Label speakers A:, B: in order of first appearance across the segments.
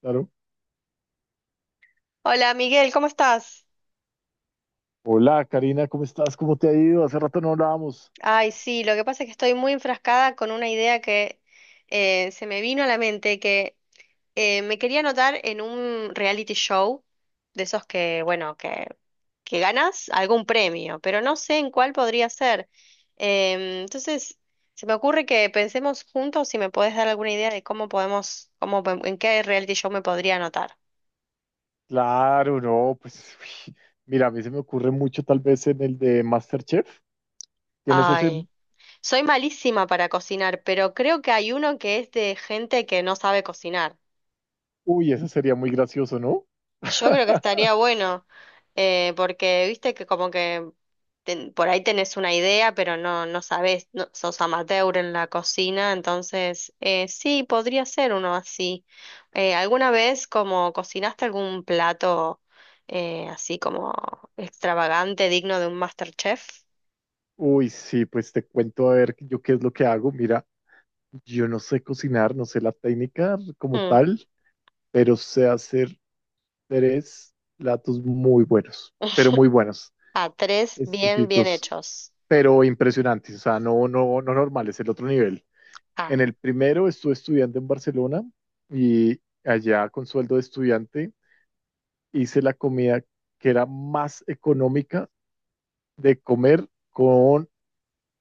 A: Claro.
B: Hola Miguel, ¿cómo estás?
A: Hola, Karina, ¿cómo estás? ¿Cómo te ha ido? Hace rato no hablábamos.
B: Ay, sí, lo que pasa es que estoy muy enfrascada con una idea que se me vino a la mente, que me quería anotar en un reality show, de esos que, bueno, que ganas algún premio, pero no sé en cuál podría ser. Entonces, se me ocurre que pensemos juntos si me podés dar alguna idea de cómo podemos, cómo, en qué reality show me podría anotar.
A: Claro, no, pues uy, mira, a mí se me ocurre mucho tal vez en el de MasterChef. ¿Tienes ese?
B: Ay. Soy malísima para cocinar, pero creo que hay uno que es de gente que no sabe cocinar.
A: Uy, ese sería muy gracioso, ¿no?
B: Yo creo que estaría bueno, porque viste que como que por ahí tenés una idea, pero no, no sabés, sos amateur en la cocina, entonces sí, podría ser uno así. ¿Alguna vez como cocinaste algún plato así como extravagante, digno de un MasterChef?
A: Uy, sí, pues te cuento a ver yo qué es lo que hago. Mira, yo no sé cocinar, no sé la técnica como
B: Mm.
A: tal, pero sé hacer tres platos muy buenos, pero muy buenos,
B: A tres bien, bien
A: exquisitos,
B: hechos.
A: pero impresionantes, o sea, no, no, no normales, el otro nivel.
B: Ah.
A: En el primero estuve estudiando en Barcelona y allá con sueldo de estudiante hice la comida que era más económica de comer con,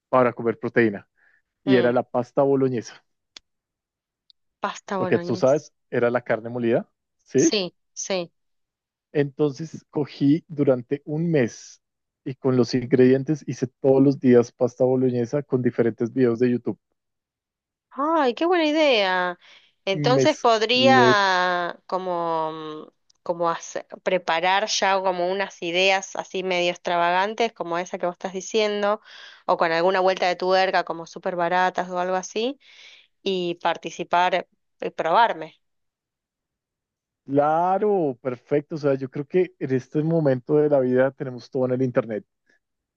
A: para comer proteína y era
B: Mm.
A: la pasta boloñesa,
B: Pasta
A: porque tú
B: boloñesa.
A: sabes, era la carne molida, ¿sí?
B: Sí, sí.
A: Entonces cogí durante un mes y con los ingredientes hice todos los días pasta boloñesa con diferentes videos de YouTube.
B: Ay, qué buena idea. Entonces
A: Mezclé.
B: podría como, preparar ya como unas ideas así medio extravagantes, como esa que vos estás diciendo, o con alguna vuelta de tuerca, como súper baratas o algo así, y participar y probarme.
A: Claro, perfecto. O sea, yo creo que en este momento de la vida tenemos todo en el internet.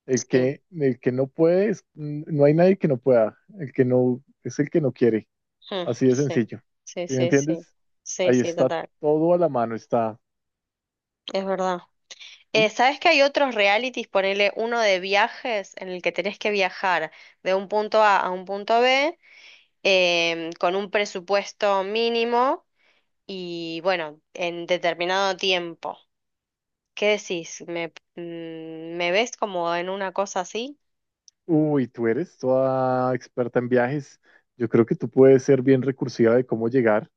A: El
B: Sí,
A: que, el que no puede, no hay nadie que no pueda. El que no es el que no quiere.
B: mm,
A: Así de
B: sí,
A: sencillo.
B: sí,
A: ¿Sí me
B: sí, sí,
A: entiendes?
B: sí,
A: Ahí
B: sí,
A: está
B: total.
A: todo a la mano. Está.
B: Es verdad.
A: Y,
B: ¿Sabes que hay otros realities? Ponele uno de viajes en el que tenés que viajar de un punto A a un punto B con un presupuesto mínimo y bueno, en determinado tiempo. ¿Qué decís? Mm, ¿me ves como en una cosa así?
A: uy, tú eres toda experta en viajes. Yo creo que tú puedes ser bien recursiva de cómo llegar.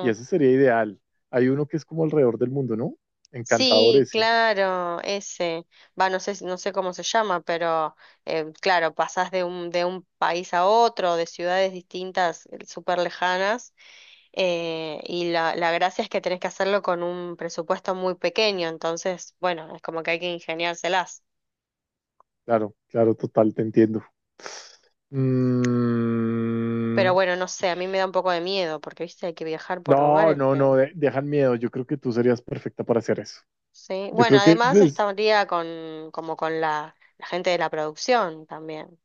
A: Y ese sería ideal. Hay uno que es como alrededor del mundo, ¿no? Encantador
B: Sí,
A: ese.
B: claro, ese. Va, no sé, no sé cómo se llama, pero claro, pasás de de un país a otro, de ciudades distintas, súper lejanas. Y la gracia es que tenés que hacerlo con un presupuesto muy pequeño, entonces, bueno, es como que hay que ingeniárselas.
A: Claro, claro, total, te entiendo.
B: Pero
A: Mm,
B: bueno, no sé, a mí me da un poco de miedo, porque, viste, hay que viajar por
A: no,
B: lugares
A: no,
B: que...
A: no, dejan miedo. Yo creo que tú serías perfecta para hacer eso.
B: Sí.
A: Yo
B: Bueno,
A: creo que,
B: además
A: pues,
B: estaría con, como con la gente de la producción también.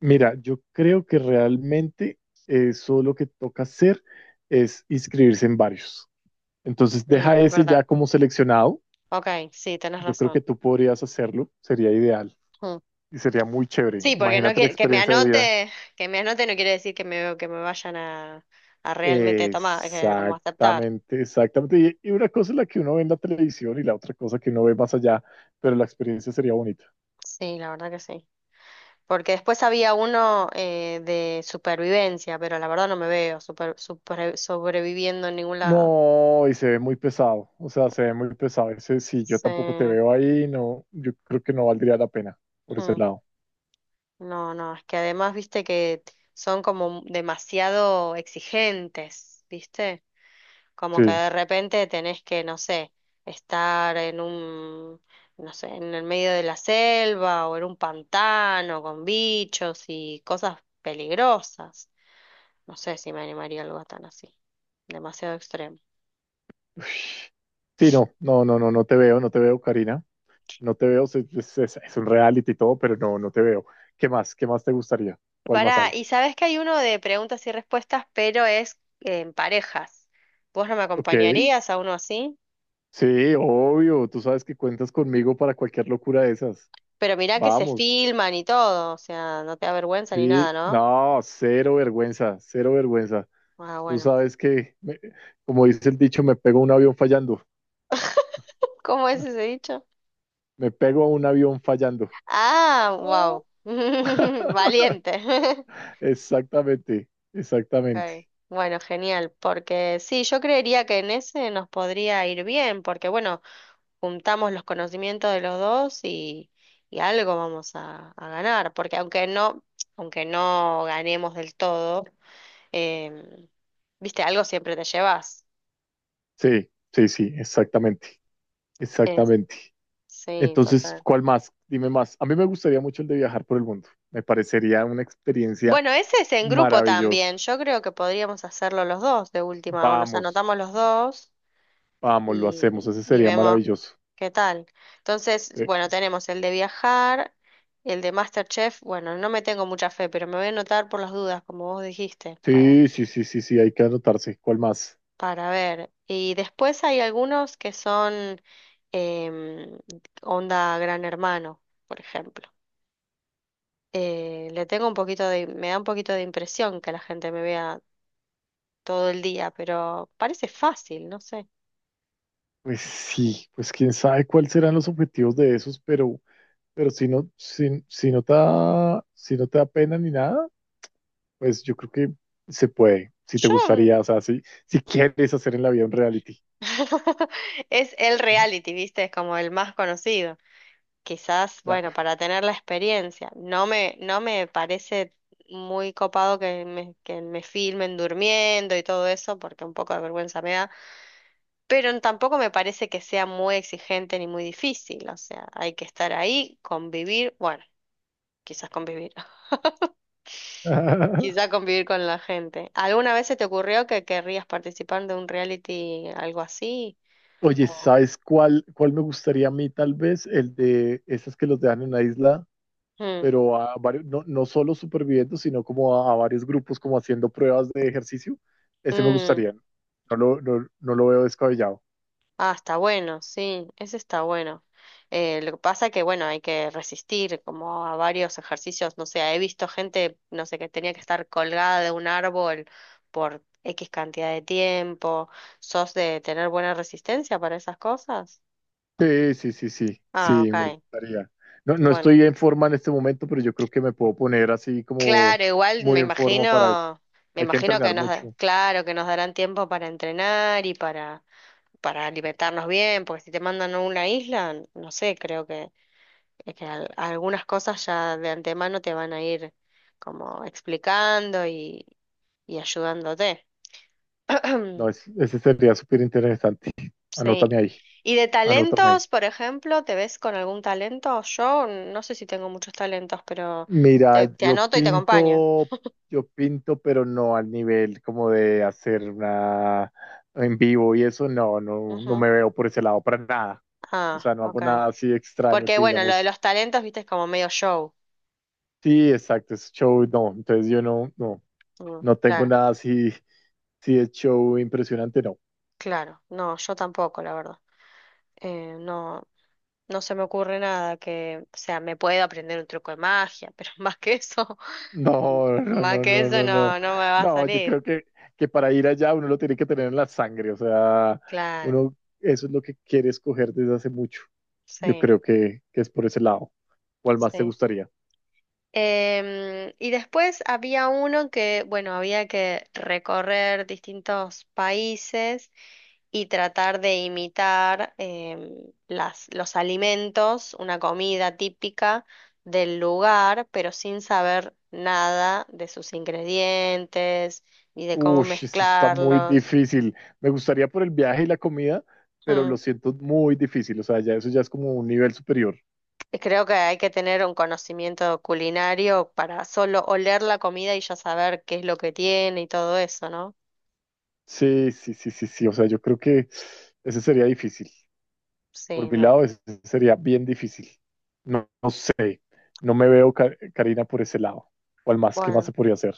A: mira, yo creo que realmente eso lo que toca hacer es inscribirse en varios. Entonces, deja
B: Mm, es
A: ese
B: verdad.
A: ya como seleccionado.
B: Ok, sí, tenés
A: Yo creo que
B: razón.
A: tú podrías hacerlo, sería ideal
B: Mm.
A: y sería muy chévere.
B: Sí, porque no
A: Imagínate la
B: que me
A: experiencia de vida.
B: anote, que me anote no quiere decir que que me vayan a realmente tomar, que, como aceptar.
A: Exactamente, exactamente. Y una cosa es la que uno ve en la televisión y la otra cosa que uno ve más allá, pero la experiencia sería bonita.
B: Sí, la verdad que sí. Porque después había uno de supervivencia, pero la verdad no me veo sobreviviendo en ningún lado.
A: No, y se ve muy pesado, o sea, se ve muy pesado. Ese, si yo
B: Sí.
A: tampoco te
B: Mm.
A: veo ahí, no, yo creo que no valdría la pena por ese lado.
B: No, no, es que además, viste que son como demasiado exigentes, viste, como que
A: Sí.
B: de repente tenés que, no sé, estar en un, no sé, en el medio de la selva o en un pantano con bichos y cosas peligrosas. No sé si me animaría a algo tan así, demasiado extremo.
A: Ush. Sí, no, no, no, no, no te veo, no te veo, Karina. No te veo, es un reality y todo, pero no, no te veo. ¿Qué más? ¿Qué más te gustaría? ¿Cuál más
B: Pará,
A: hay?
B: y sabes que hay uno de preguntas y respuestas, pero es en parejas. ¿Vos no me
A: Ok.
B: acompañarías a uno así?
A: Sí, obvio, tú sabes que cuentas conmigo para cualquier locura de esas.
B: Pero mirá que se
A: Vamos,
B: filman y todo, o sea, no te da vergüenza ni nada,
A: sí,
B: ¿no?
A: no, cero vergüenza, cero vergüenza.
B: Ah,
A: Tú
B: bueno.
A: sabes que, como dice el dicho, me pego a un avión fallando,
B: ¿Cómo es ese dicho?
A: me pego a un avión fallando.
B: Ah,
A: Oh.
B: wow. Valiente.
A: Exactamente,
B: Ok,
A: exactamente.
B: bueno, genial, porque sí, yo creería que en ese nos podría ir bien, porque bueno, juntamos los conocimientos de los dos y algo vamos a ganar, porque aunque no ganemos del todo, em, viste, algo siempre te llevas.
A: Sí, sí, sí, exactamente,
B: Eh,
A: exactamente.
B: sí,
A: Entonces,
B: total.
A: ¿cuál más? Dime más. A mí me gustaría mucho el de viajar por el mundo. Me parecería una experiencia
B: Bueno, ese es en grupo
A: maravillosa.
B: también. Yo creo que podríamos hacerlo los dos de última, o nos
A: Vamos.
B: anotamos los dos
A: Vamos, lo hacemos, ese
B: y
A: sería
B: vemos
A: maravilloso.
B: qué tal. Entonces,
A: Eh,
B: bueno, tenemos el de viajar, el de MasterChef. Bueno, no me tengo mucha fe, pero me voy a anotar por las dudas, como vos dijiste. para
A: Sí, sí, sí, sí, sí, hay que anotarse. ¿Cuál más?
B: para ver. Y después hay algunos que son em, onda Gran Hermano, por ejemplo. Le tengo un poquito de, me da un poquito de impresión que la gente me vea todo el día, pero parece fácil, no sé.
A: Pues sí, pues quién sabe cuáles serán los objetivos de esos, pero si no, si, si no te da, si no te da pena ni nada, pues yo creo que se puede. Si te
B: Yo
A: gustaría, o sea, si, si quieres hacer en la vida un reality.
B: es el reality, ¿viste? Es como el más conocido. Quizás,
A: Claro.
B: bueno, para tener la experiencia. No me, no me parece muy copado que que me filmen durmiendo y todo eso, porque un poco de vergüenza me da. Pero tampoco me parece que sea muy exigente ni muy difícil, o sea, hay que estar ahí, convivir, bueno, quizás convivir, quizás convivir con la gente. ¿Alguna vez se te ocurrió que querrías participar de un reality, algo así?
A: Oye,
B: O-
A: ¿sabes cuál, cuál me gustaría a mí tal vez? El de esas que los dejan en una isla
B: mm,
A: pero a varios, no, no solo superviviendo, sino como a varios grupos como haciendo pruebas de ejercicio, ese me
B: mm.
A: gustaría. No, no lo veo descabellado.
B: Ah, está bueno, sí, ese está bueno. Lo que pasa que, bueno, hay que resistir como a varios ejercicios, no sé, he visto gente, no sé, que tenía que estar colgada de un árbol por X cantidad de tiempo. ¿Sos de tener buena resistencia para esas cosas?
A: Sí, sí, sí, sí,
B: Ah,
A: sí, me
B: ok,
A: gustaría. No, no
B: bueno.
A: estoy en forma en este momento, pero yo creo que me puedo poner así como
B: Claro, igual
A: muy en forma para eso.
B: me
A: Hay que
B: imagino que
A: entrenar
B: nos,
A: mucho.
B: claro, que nos darán tiempo para entrenar y para alimentarnos bien, porque si te mandan a una isla, no sé, creo que es que algunas cosas ya de antemano te van a ir como explicando y ayudándote.
A: No, es, ese sería súper interesante.
B: Sí.
A: Anótame ahí,
B: ¿Y de
A: anótame ahí.
B: talentos, por ejemplo, te ves con algún talento? Yo no sé si tengo muchos talentos, pero
A: Mira,
B: te anoto y te acompaño.
A: yo pinto, pero no al nivel como de hacer una en vivo y eso, no, no, no
B: Ujú.
A: me veo por ese lado para nada. O
B: Ah,
A: sea, no hago
B: ok.
A: nada así extraño
B: Porque
A: que
B: bueno, lo de
A: digamos,
B: los talentos, viste, es como medio show.
A: sí, exacto, es show, no. Entonces yo no, no,
B: Mm,
A: no tengo
B: claro,
A: nada así, sí es show impresionante, no.
B: claro. No, yo tampoco, la verdad. No. No se me ocurre nada que, o sea, me puedo aprender un truco de magia, pero más que eso,
A: No, no,
B: más
A: no,
B: que
A: no,
B: eso
A: no, no.
B: no, no me va a
A: No, yo
B: salir.
A: creo que para ir allá uno lo tiene que tener en la sangre, o sea,
B: Claro,
A: uno, eso es lo que quiere escoger desde hace mucho. Yo
B: sí,
A: creo que es por ese lado. ¿Cuál más te
B: sí.
A: gustaría?
B: Y después había uno que, bueno, había que recorrer distintos países y tratar de imitar las, los alimentos, una comida típica del lugar, pero sin saber nada de sus ingredientes ni de cómo
A: Uy, esto está muy
B: mezclarlos.
A: difícil. Me gustaría por el viaje y la comida, pero
B: Mm,
A: lo siento muy difícil. O sea, ya eso ya es como un nivel superior.
B: creo que hay que tener un conocimiento culinario para solo oler la comida y ya saber qué es lo que tiene y todo eso, ¿no?
A: Sí, sí, sí, sí, sí. O sea, yo creo que ese sería difícil.
B: Sí,
A: Por mi
B: no.
A: lado, ese sería bien difícil. No, no sé. No me veo, Karina, por ese lado. ¿Cuál más? ¿Qué más
B: Bueno,
A: se podría hacer?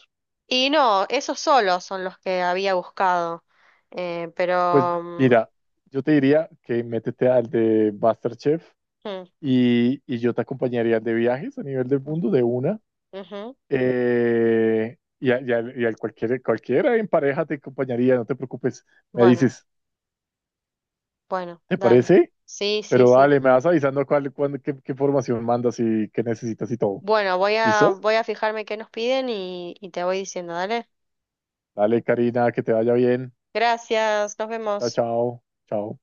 B: y no, esos solos son los que había buscado,
A: Pues
B: pero... mm,
A: mira, yo te diría que métete al de MasterChef
B: mm,
A: y yo te acompañaría de viajes a nivel del mundo de una.
B: ujú,
A: Y a, y al cualquier, cualquiera en pareja te acompañaría, no te preocupes. Me
B: bueno,
A: dices,
B: bueno,
A: ¿te
B: dale.
A: parece?
B: Sí, sí,
A: Pero
B: sí.
A: dale, me vas avisando cuál, qué, qué formación mandas y qué necesitas y todo.
B: Bueno, voy a,
A: ¿Listo?
B: voy a fijarme qué nos piden y te voy diciendo, dale.
A: Dale, Karina, que te vaya bien.
B: Gracias, nos
A: Chao,
B: vemos.
A: chao, chao.